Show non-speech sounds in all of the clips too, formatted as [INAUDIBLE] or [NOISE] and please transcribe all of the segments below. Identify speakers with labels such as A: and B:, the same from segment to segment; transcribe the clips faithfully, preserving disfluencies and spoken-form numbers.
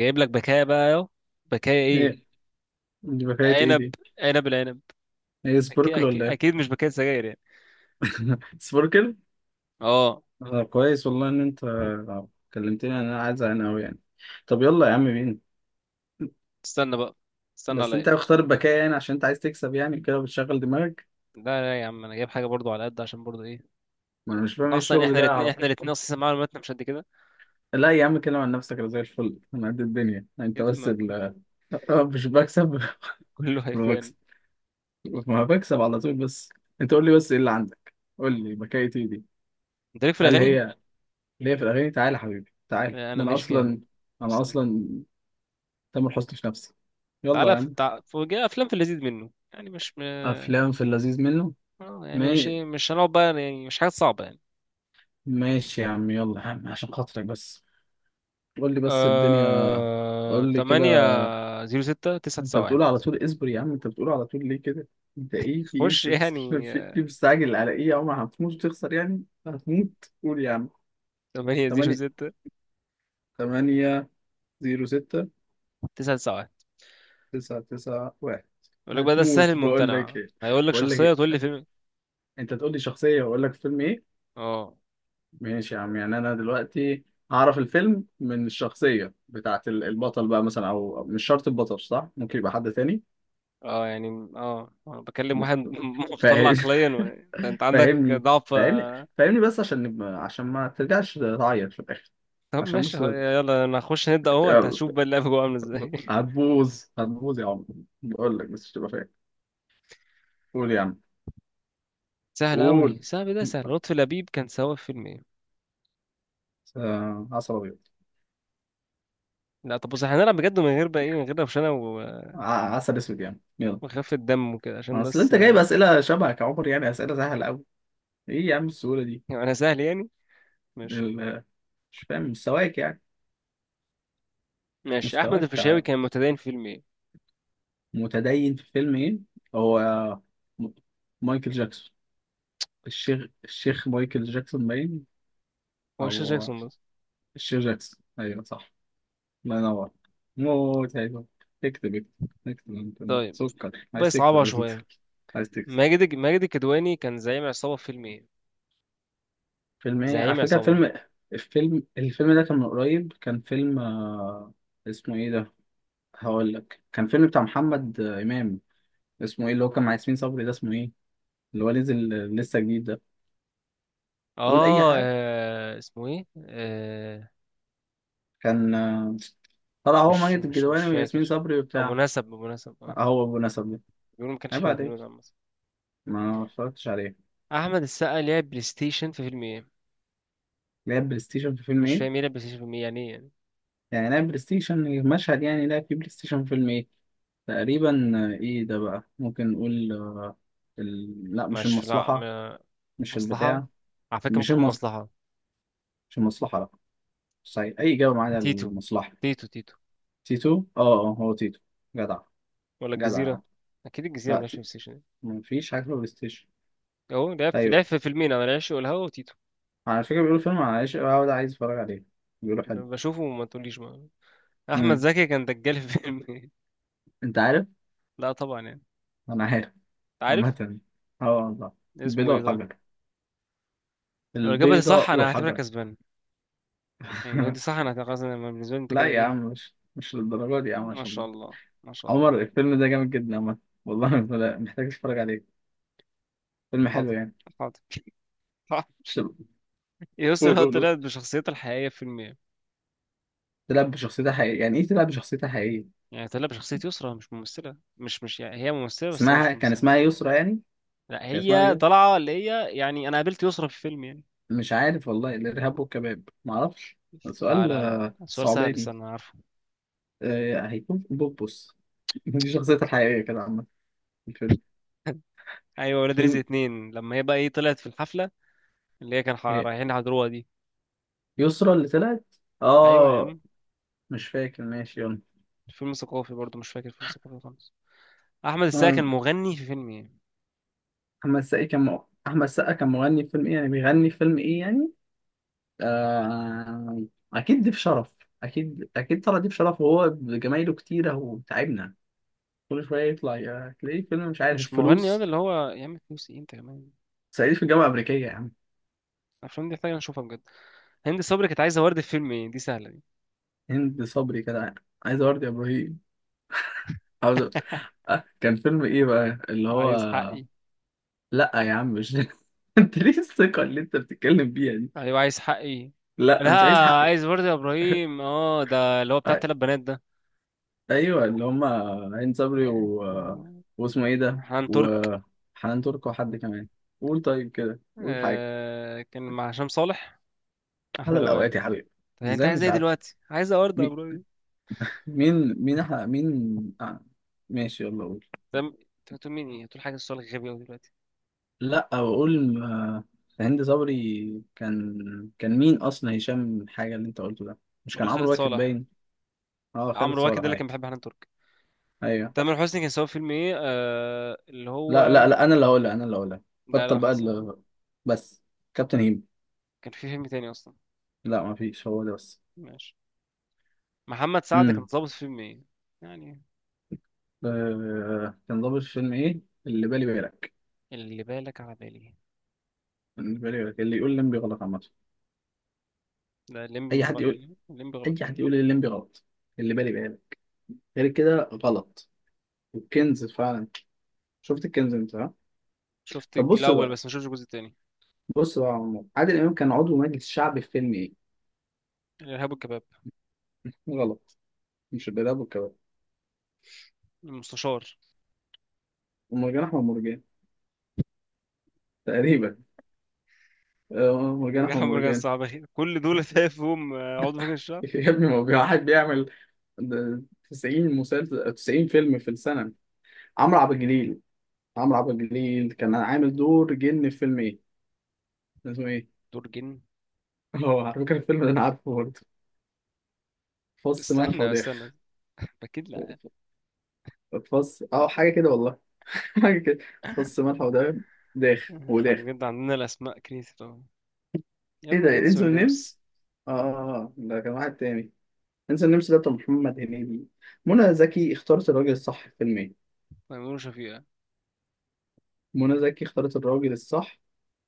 A: جايب لك بكايه بقى اهو. بكايه ايه؟
B: ايه. دي حكاية ايه
A: عنب.
B: دي؟
A: عنب العنب.
B: ايه
A: اكيد
B: سبوركل ولا
A: اكيد,
B: ايه؟
A: أكيد مش بكايه سجاير يعني.
B: سبوركل؟
A: اه.
B: آه، كويس والله. ان انت كلمتني، انا عايز انا اوي يعني. طب يلا يا عم، مين؟
A: استنى بقى استنى
B: بس انت
A: عليا.
B: اختار البكاء يعني عشان انت عايز تكسب، يعني كده بتشغل دماغك؟
A: لا لا يا عم، انا جايب حاجه برضو على قد، عشان برضو ايه،
B: ما انا مش فاهم ايه
A: اصلا
B: الشغل
A: احنا
B: ده
A: الاثنين
B: اهو.
A: احنا الاثنين اصلا معلوماتنا مش قد كده.
B: لا يا عم، كلم عن نفسك، انا زي الفل، انا قد الدنيا، انت
A: اسم
B: بس ال- [LAUGHS] آه، مش بكسب.
A: كله
B: [LAUGHS] ما
A: هيفان.
B: بكسب. ما بكسب على طول بس. انت قول لي بس ايه اللي عندك؟ قول لي بكاية ايه دي؟
A: انت ليك في
B: هل
A: الاغاني.
B: هي اللي هي في الاغاني؟ تعالى يا حبيبي تعالى،
A: لا، انا
B: ده انا
A: ماشي فيها.
B: اصلا، انا
A: استنى.
B: اصلا تامر حسني في نفسي. يلا
A: تعالى
B: يا
A: في...
B: عم.
A: تع... في جاي افلام في اللذيذ منه، يعني مش م... آه،
B: افلام في اللذيذ منه.
A: يعني مش
B: ما...
A: ايه، مش هنقعد بقى يعني، مش حاجات صعبه يعني.
B: ماشي يا عم، يلا يا عم عشان خاطرك بس. قول لي بس الدنيا.
A: آه...
B: قول لي كده.
A: ثمانية صفر ستة
B: انت
A: تسعة تسعة واحد.
B: بتقول على طول اصبر يا عم، انت بتقول على طول ليه كده؟ انت ايه، في ايه؟
A: خش
B: مس- مس-
A: يعني.
B: في ايه مستعجل، على ايه يا عم؟ هتموت وتخسر يعني، هتموت؟ قول يا عم.
A: ثمانية صفر
B: ثمانية
A: ستة
B: ثمانية صفر ستة
A: تسعة تسعة.
B: تسعة تسعة واحد.
A: يقول لك بقى ده السهل
B: هتموت بقول لك
A: الممتنع،
B: ايه،
A: هيقول لك
B: بقول لك
A: شخصية
B: ايه.
A: تقول لي فيلم.
B: انت تقول لي شخصيه واقول لك فيلم ايه.
A: اه.
B: ماشي يا عم، يعني انا دلوقتي هعرف الفيلم من الشخصية بتاعت ال- البطل بقى، مثلا او أو مش شرط البطل، صح، ممكن يبقى حد تاني.
A: اه يعني. اه انا بكلم
B: م-
A: واحد [LAUGHS] مختل
B: فاهم.
A: عقليا و... انت أنت
B: [LAUGHS]
A: عندك
B: فاهمني،
A: ضعف
B: فاهمني،
A: آه.
B: فاهمني بس عشان نبقى، عشان ما ترجعش تعيط في الاخر.
A: طب
B: عشان
A: ماشي،
B: بس.
A: خ- يلا انا هخش نبدأ اهو، انت
B: يلا.
A: هتشوف بقى اللعبة جوه عاملة ازاي.
B: هتبوظ هتبوظ يا عم، بقول لك بس تبقى فاهم. قول يا عم.
A: [LAUGHS] سهل
B: قول.
A: قوي، سهل ده، سهل. لطفي لبيب كان سوا في فيلم ايه؟
B: آه، عسل ابيض.
A: لا طب بص، إحنا هنلعب بجد من غير بقى ايه، من غير روشنة و-
B: ع- عسل اسود يا عم، يلا.
A: وخفة دم وكده، عشان
B: ما اصل
A: بس [LAUGHS]
B: انت جايب
A: آه،
B: اسئله شبهك يا عمر، يعني اسئله سهله قوي. ايه يا عم السهوله
A: يعني انا سهل يعني.
B: دي؟
A: ماشي.
B: مش فاهم مستواك يعني.
A: ماشي. احمد
B: مستواك.
A: الفيشاوي كان متدين في فيلم ايه؟
B: متدين في فيلم ايه؟ هو، م- مايكل جاكسون. الشيخ الشيخ مايكل جاكسون باين.
A: هو الشيخ
B: او
A: جاكسون بس.
B: الشيخ جاكسون، ايوه صح. الله ينور. موت حلو. اكتب، اكتب. اكتب انت، أنت
A: طيب،
B: سكر،
A: بقى
B: عايز تكتب
A: صعبة
B: انت؟
A: شوية.
B: عايز تكتب.
A: ماجد ماجد الكدواني كان زعيم عصابة في فيلم ايه؟
B: فيلم ايه على
A: زعيم
B: فكرة،
A: عصابة.
B: فيلم؟ الفيلم الفيلم ده كان من قريب، كان فيلم آه، اسمه ايه ده؟ هقول لك، كان فيلم بتاع محمد آه، امام. اسمه ايه، اللي هو كان مع ياسمين صبري ده؟ اسمه ايه، اللي هو نزل آه، لسه جديد ده؟ قول اي
A: اه
B: حاجه.
A: آه، اسمه ايه؟ آه
B: كان آه، طلع هو
A: مش
B: ماجد
A: مش مش
B: الكدواني وياسمين
A: فاكر.
B: صبري
A: ابو
B: وبتاع.
A: نسب ابو نسب اه.
B: آه، هو ابو نسب ده.
A: بيقولوا ما كانش
B: عيب
A: حلو
B: عليك،
A: الفيلم ده عامة.
B: ما اتفرجتش عليه.
A: احمد السقا لعب بلاي ستيشن في فيلم ايه؟
B: لعب بلاي ستيشن في فيلم
A: مش
B: ايه.
A: فاهم ايه لعب بلاي ستيشن في فيلم ايه، يعني ايه يعني؟
B: يعني لعب بلاي ستيشن المشهد، يعني لعب في بلاي ستيشن في فيلم ايه. تقريبا آه، ايه ده بقى؟ ممكن نقول آه، ال... لا مش
A: مش لا
B: المصلحه.
A: ما-
B: مش
A: مصلحة.
B: البتاع.
A: على فكرة
B: مش
A: ممكن تكون
B: المص...
A: مصلحة.
B: مش المصلحه، لا. صحيح اي اجابه معانا
A: تيتو
B: المصلحه.
A: تيتو تيتو.
B: تيتو؟ اه. اه هو تيتو. جدع،
A: ولا
B: جدع يا
A: الجزيرة؟
B: عم.
A: اكيد الجزيرة ما
B: لا
A: لعبش
B: ت...
A: بلاي ستيشن.
B: مفيش حاجه في بلاي ستيشن.
A: اهو لعب في، لعب
B: ايوه،
A: في فيلمين انا، العشق والهوا وتيتو.
B: على فكرة بيقولوا فيلم عن عايش أوي ده، عايز أتفرج عليه. بيقولوا حلو.
A: بشوفه وما تقوليش بقى. احمد
B: امم،
A: زكي كان دجال في [LAUGHS] فيلم إيه؟
B: أنت عارف؟
A: لا طبعا يعني.
B: أنا عارف.
A: انت عارف.
B: عامة، أه والله.
A: اسمه
B: البيضة
A: ايه طيب؟
B: والحجر.
A: لو الاجابه دي صح
B: البيضة
A: انا هعتبرك
B: والحجر.
A: كسبان، يعني لو دي صح
B: [LAUGHS]
A: انا هتبقى كسبان أنا، بالنسبه لي انت
B: لا
A: كده
B: يا عم،
A: ايه.
B: مش مش للدرجة دي يا عم،
A: ما شاء
B: عشان
A: الله، ما شاء
B: عمر
A: الله.
B: الفيلم ده جامد جدا عامة. والله، لا محتاج أتفرج عليه، فيلم حلو
A: حاضر.
B: يعني.
A: حاضر [LAUGHS] حاضر.
B: شو- قول،
A: يسرا
B: قول، قول.
A: طلعت بشخصيتها الحقيقيه في فيلم ايه؟
B: تلعب بشخصيتها حقيقية، يعني إيه تلعب بشخصيتها حقيقية؟
A: يعني طلعت بشخصيه يسرا مش ممثله، مش مش يعني هي ممثله بس هي
B: اسمها،
A: مش
B: كان
A: ممثله.
B: اسمها يسرا يعني؟
A: لا
B: كان اسمها
A: هي
B: مين؟
A: طالعه اللي هي، يعني انا قابلت يسرا في فيلم يعني.
B: مش عارف والله. الإرهاب والكباب؟ معرفش.
A: لا
B: سؤال
A: لا لا
B: آه،
A: سؤال سهل،
B: صعباني.
A: استنى انا عارفه.
B: آه، هيكون بوبوس. دي شخصيتها الحقيقية كده عامة، في الفيلم.
A: [LAUGHS] ايوه، ولاد رزق
B: فيلم.
A: اتنين لما هي بقى ايه طلعت في الحفله، اللي هي كان ح-
B: هي
A: رايحين يحضروها دي.
B: يسرا اللي طلعت.
A: ايوه يا
B: اه،
A: عم.
B: مش فاكر، ماشي يلا.
A: فيلم ثقافي برضه مش فاكر، فيلم ثقافي خالص. احمد السقا
B: آه،
A: كان مغني في فيلم ايه؟
B: أحمد السقا كان مغ- أحمد السقا كان مغني في فيلم إيه، يعني بيغني في فيلم إيه يعني؟ آه... أكيد ضيف شرف. أكيد أكيد طلع ضيف شرف، وهو بجمايله كتيرة وتعبنا، كل شوية يطلع يا- تلاقيه فيلم مش
A: مش
B: عارف
A: مغني هذا
B: فلوس.
A: اللي هو يا عم، فلوس ايه انت كمان.
B: صعيدي في الجامعة الأمريكية يا عم.
A: الافلام دي محتاجه نشوفها بجد. هند صبري كانت عايزه ورد في فيلم ايه، دي سهله دي.
B: هند صبري كده عايز أورد يا إبراهيم، عاوز-
A: [LAUGHS]
B: آه، كان فيلم إيه بقى اللي هو؟
A: عايز حقي.
B: لا يا عم، مش [LAUGHS] انت ليه الثقة اللي انت بتتكلم بيها دي؟
A: ايوه عايز حقي. لا
B: لا، مش عايز حقي.
A: عايز ورد يا ابراهيم، اه ده اللي هو بتاع
B: أ-
A: التلات بنات ده.
B: ايوه، اللي هما عين صبري
A: يا-
B: و... واسمه ايه ده،
A: حنان ترك.
B: وحنان ترك، وحد كمان. قول طيب كده، قول حاجة.
A: آه كان مع هشام صالح، احلى
B: على
A: لوان.
B: الأوقات يا حبيبي.
A: طب يعني انت
B: ازاي
A: عايز
B: مش
A: ايه
B: عارف؟
A: دلوقتي، عايز ورد يا
B: مين،
A: ابراهيم.
B: مين مين احنا مين آه. ماشي يلا، قول.
A: طب انت بتقول مين، ايه بتقول حاجه، السؤال غبي قوي دلوقتي.
B: لا، بقول آه، هند صبري كان. كان مين اصلا، هشام حاجة اللي انت قلته ده؟ مش
A: مرة
B: كان
A: خالد
B: عمرو واكد
A: صالح.
B: باين؟ اه خالد
A: عمرو واكد ده اللي
B: صالح.
A: كان بيحب حنان ترك.
B: ايوه.
A: تامر حسني كان سوا فيلم ايه آه اللي
B: لا لا
A: هو.
B: لا انا اللي هقولها، انا اللي هقولها.
A: لا لا
B: بطل بقى
A: خلاص.
B: ال- بس. كابتن هيم.
A: كان في فيلم تاني اصلا.
B: لا، ما فيش، هو ده بس.
A: ماشي. محمد سعد كان
B: امم،
A: ظابط في فيلم ايه يعني؟
B: آه... كان ضابط في فيلم ايه؟ اللي بالي بالك.
A: اللي بالك على بالي.
B: اللي بالي بالك، اللي يقول لمبي غلط عامه.
A: لا الليمبي
B: اي
A: مش
B: حد
A: غلط.
B: يقول،
A: الليمبي
B: اي
A: غلط.
B: حد يقول الليمبي غلط. اللي بالي بالك. غير كده غلط. والكنز فعلا. شفت الكنز انت ها؟
A: شفت
B: طب
A: الج-
B: بص
A: الاول
B: بقى،
A: بس، ما شفتش الجزء التاني.
B: بص بقى يا عمو. عادل امام كان عضو مجلس شعبي في فيلم ايه.
A: الارهاب والكباب.
B: غلط، مش الإرهاب والكباب.
A: المستشار.
B: ومرجان احمد مرجان. تقريبا آه، مرجان احمد
A: مرجع مرجع
B: مرجان.
A: صعب أخي. كل دول تلاقي فيهم آه، عضو مجلس الشعب.
B: [LAUGHS] يا ابني، ما هو واحد بيعمل ده تسعين مسلسل، تسعين فيلم في السنة. عمرو عبد الجليل، عمرو عبد الجليل كان عامل دور جن في فيلم ايه؟ اسمه ايه؟
A: دور جن.
B: [LAUGHS] هو على فكرة الفيلم ده انا عارفه برضه. فص ملح
A: استنى
B: وداخ.
A: استنى اكيد لا.
B: فص اه حاجة كده والله. [LAUGHS] حاجة كده. فص ملح وداخ، داخ
A: احنا
B: وداخ.
A: بجد عندنا الاسماء كريتيف أوي. يا
B: ايه
A: ابن
B: ده،
A: الانس
B: انسو النمس؟
A: والنمس.
B: اه آه، آه، ده كان واحد تاني. انسو النمس ده بتاع محمد هنيدي. منى زكي اختارت الراجل الصح في فيلم ايه؟
A: تيمور وشفيقة.
B: منى زكي اختارت الراجل الصح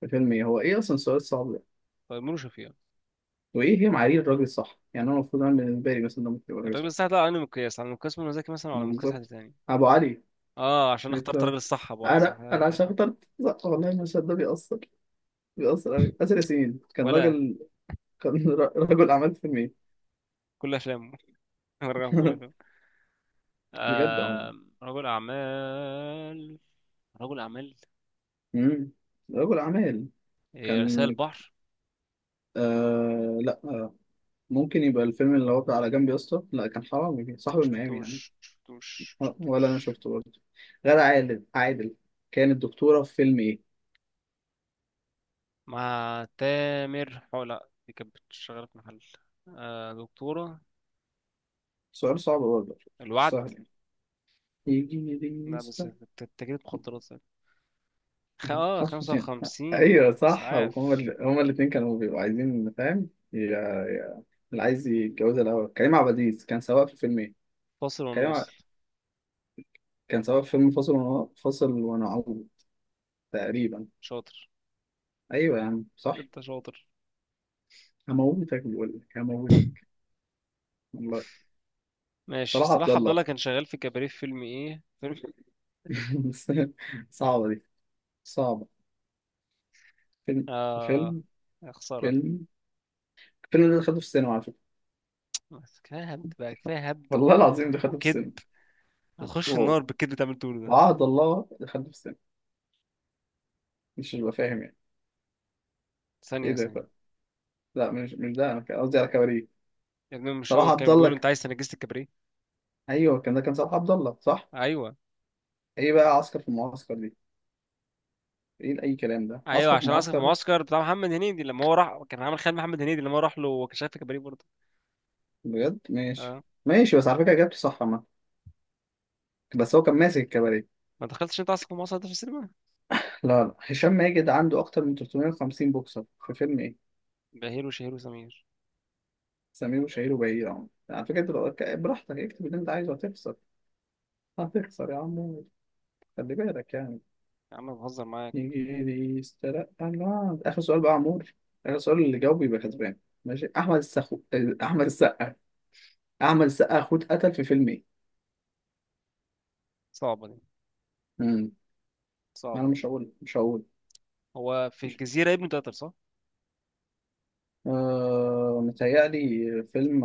B: في فيلم ايه؟ هو ايه اصلا، سؤال صعب.
A: تيمور وشفيقة.
B: وايه هي معايير الراجل الصح يعني؟ انا المفروض انا بالنسبه لي مثلا ده ممكن يبقى
A: يعني
B: راجل
A: الراجل
B: صح.
A: الصح ده على أنهي مقياس، على مقياس منى زكي مثلا ولا
B: إنه
A: على مقياس حد
B: بالظبط.
A: تاني.
B: ابو علي.
A: اه عشان
B: قلت
A: اخترت
B: له.
A: الراجل الصح ابو علي صح
B: انا
A: آه،
B: انا
A: كده
B: عشان
A: فاهم.
B: اخترت. صح والله، المشهد ده بيأثر، بيأثر قوي. آسر ياسين كان
A: ولا
B: راجل، كان [LAUGHS] را- رجل اعمال في المية.
A: كل افلامه. [LAUGHS] رغم كل أفلامه.
B: [LAUGHS] بجد عم.
A: آه. رجل اعمال. رجل اعمال.
B: امم، رجل اعمال.
A: إيه، رسائل
B: كان
A: بحر.
B: آه لا آه، ممكن يبقى الفيلم اللي هو بتاع على جنب يا اسطى. لا، كان حرام صاحب المقام يعني.
A: شفتوش شفتوش
B: ولا انا
A: شفتوش
B: شفته برضه. غادة عادل عادل كانت دكتوره في فيلم ايه؟
A: مع تامر حو، لا دي كانت شغاله في محل. آه دكتوره.
B: سؤال صعب برضه، مش
A: الوعد.
B: سهل يعني. يجي يجي.
A: لا بس،
B: يسطا.
A: ت- تجارة مخدرات. خ- اه
B: خمسة
A: خمسة
B: وخمسين.
A: وخمسين
B: أيوة صح،
A: إسعاف.
B: هما ال... هما الاتنين كانوا بيبقوا عايزين، فاهم يا... يا... اللي عايز يتجوزها الأول. كريم عبد العزيز كان سواق في فيلم إيه؟
A: فاصل
B: كريم ع...
A: ونواصل.
B: كان سواق في فيلم فاصل ون... فاصل ونعود تقريبا.
A: شاطر.
B: أيوة يا عم صح.
A: انت شاطر.
B: هموتك بقول لك، هموتك والله.
A: ماشي.
B: صلاح عبد
A: صلاح عبد الله
B: الله.
A: كان شغال في كباريه في فيلم ايه، فيلم
B: [LAUGHS] بس صعبة دي، صعبة. فيلم،
A: اه،
B: فيلم،
A: يا خسارة.
B: فيلم. الفيلم ده دخلته في السينما على فكرة.
A: بس كفاية هبد بقى، كفاية هبد و-
B: والله العظيم دخلته في السينما.
A: وكذب. هخش
B: واو.
A: النار بالكذب اللي انت بتعمله ده.
B: وعهد الله دخلته في السينما، مش ببقى فاهم يعني. ايه
A: ثانية
B: ده
A: ثانية
B: بقى؟ لا، مش مش ده، انا كان قصدي على كباريه.
A: يا ابني مش
B: صلاح
A: هو
B: عبد
A: كان
B: الله
A: بيقول انت
B: ك-
A: عايز تنجسة الكباريه.
B: ايوه كان، ده كان صلاح عبد الله صح.
A: ايوه.
B: ايه بقى عسكر في المعسكر دي؟ ايه اي كلام ده
A: ايوه
B: عسكر في
A: عشان اسف
B: المعسكر؟
A: المعسكر بتاع محمد هنيدي لما هو راح كان عامل خيال محمد هنيدي لما هو راح له، وكان شغال في كباريه برضه.
B: بجد ماشي.
A: اه.
B: ماشي، بس على فكره جبت صح ما، بس هو كان ماسك الكباريه.
A: ما دخلتش انت اسف المعسكر ده في السينما.
B: لا لا هشام ماجد عنده اكتر من تلتمية وخمسين بوكسر في فيلم ايه؟
A: بهير وشهير وسمير.
B: سمير وشهير وبهير يا عم. على فكره انت لو- براحتك اكتب اللي انت عايزه، هتخسر، هتخسر يا عم، خلي بالك يعني.
A: يا عم بهزر معاك.
B: يسترق الله، ده آخر سؤال بقى يا عمور، آخر سؤال، اللي جاوب يبقى كسبان. ماشي. أحمد السخو، أحمد السقا. أحمد السقا أخوه اتقتل في فيلم إيه؟
A: صعبة دي.
B: مم. ما أنا
A: صعبة.
B: مش هقول، مش هقول.
A: هو في
B: مش...
A: الجزيرة ابن تقدر صح؟
B: آه... متهيألي فيلم،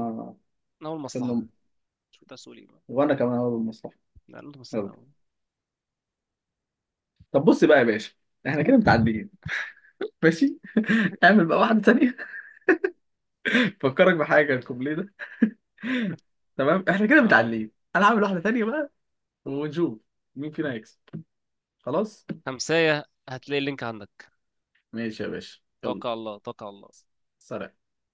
A: أول مصلحة.
B: فيلم.
A: شو تسولي.
B: وأنا كمان هقول المصلحة.
A: لا اللهم صل
B: يلا.
A: على
B: طب بص بقى يا باشا، إحنا كده
A: محمد.
B: متعدين. ماشي. [LAUGHS] اعمل بقى واحدة تانية. [LAUGHS] فكرك بحاجة الكوبليه ده. [LAUGHS] تمام، إحنا كده
A: اه.
B: متعدين. أنا هعمل واحدة تانية بقى، ونشوف مين فينا هيكسب. خلاص.
A: خمسية، هتلاقي اللينك عندك.
B: ماشي يا باشا يلا.
A: توكل على الله، توكل على الله.
B: سلام.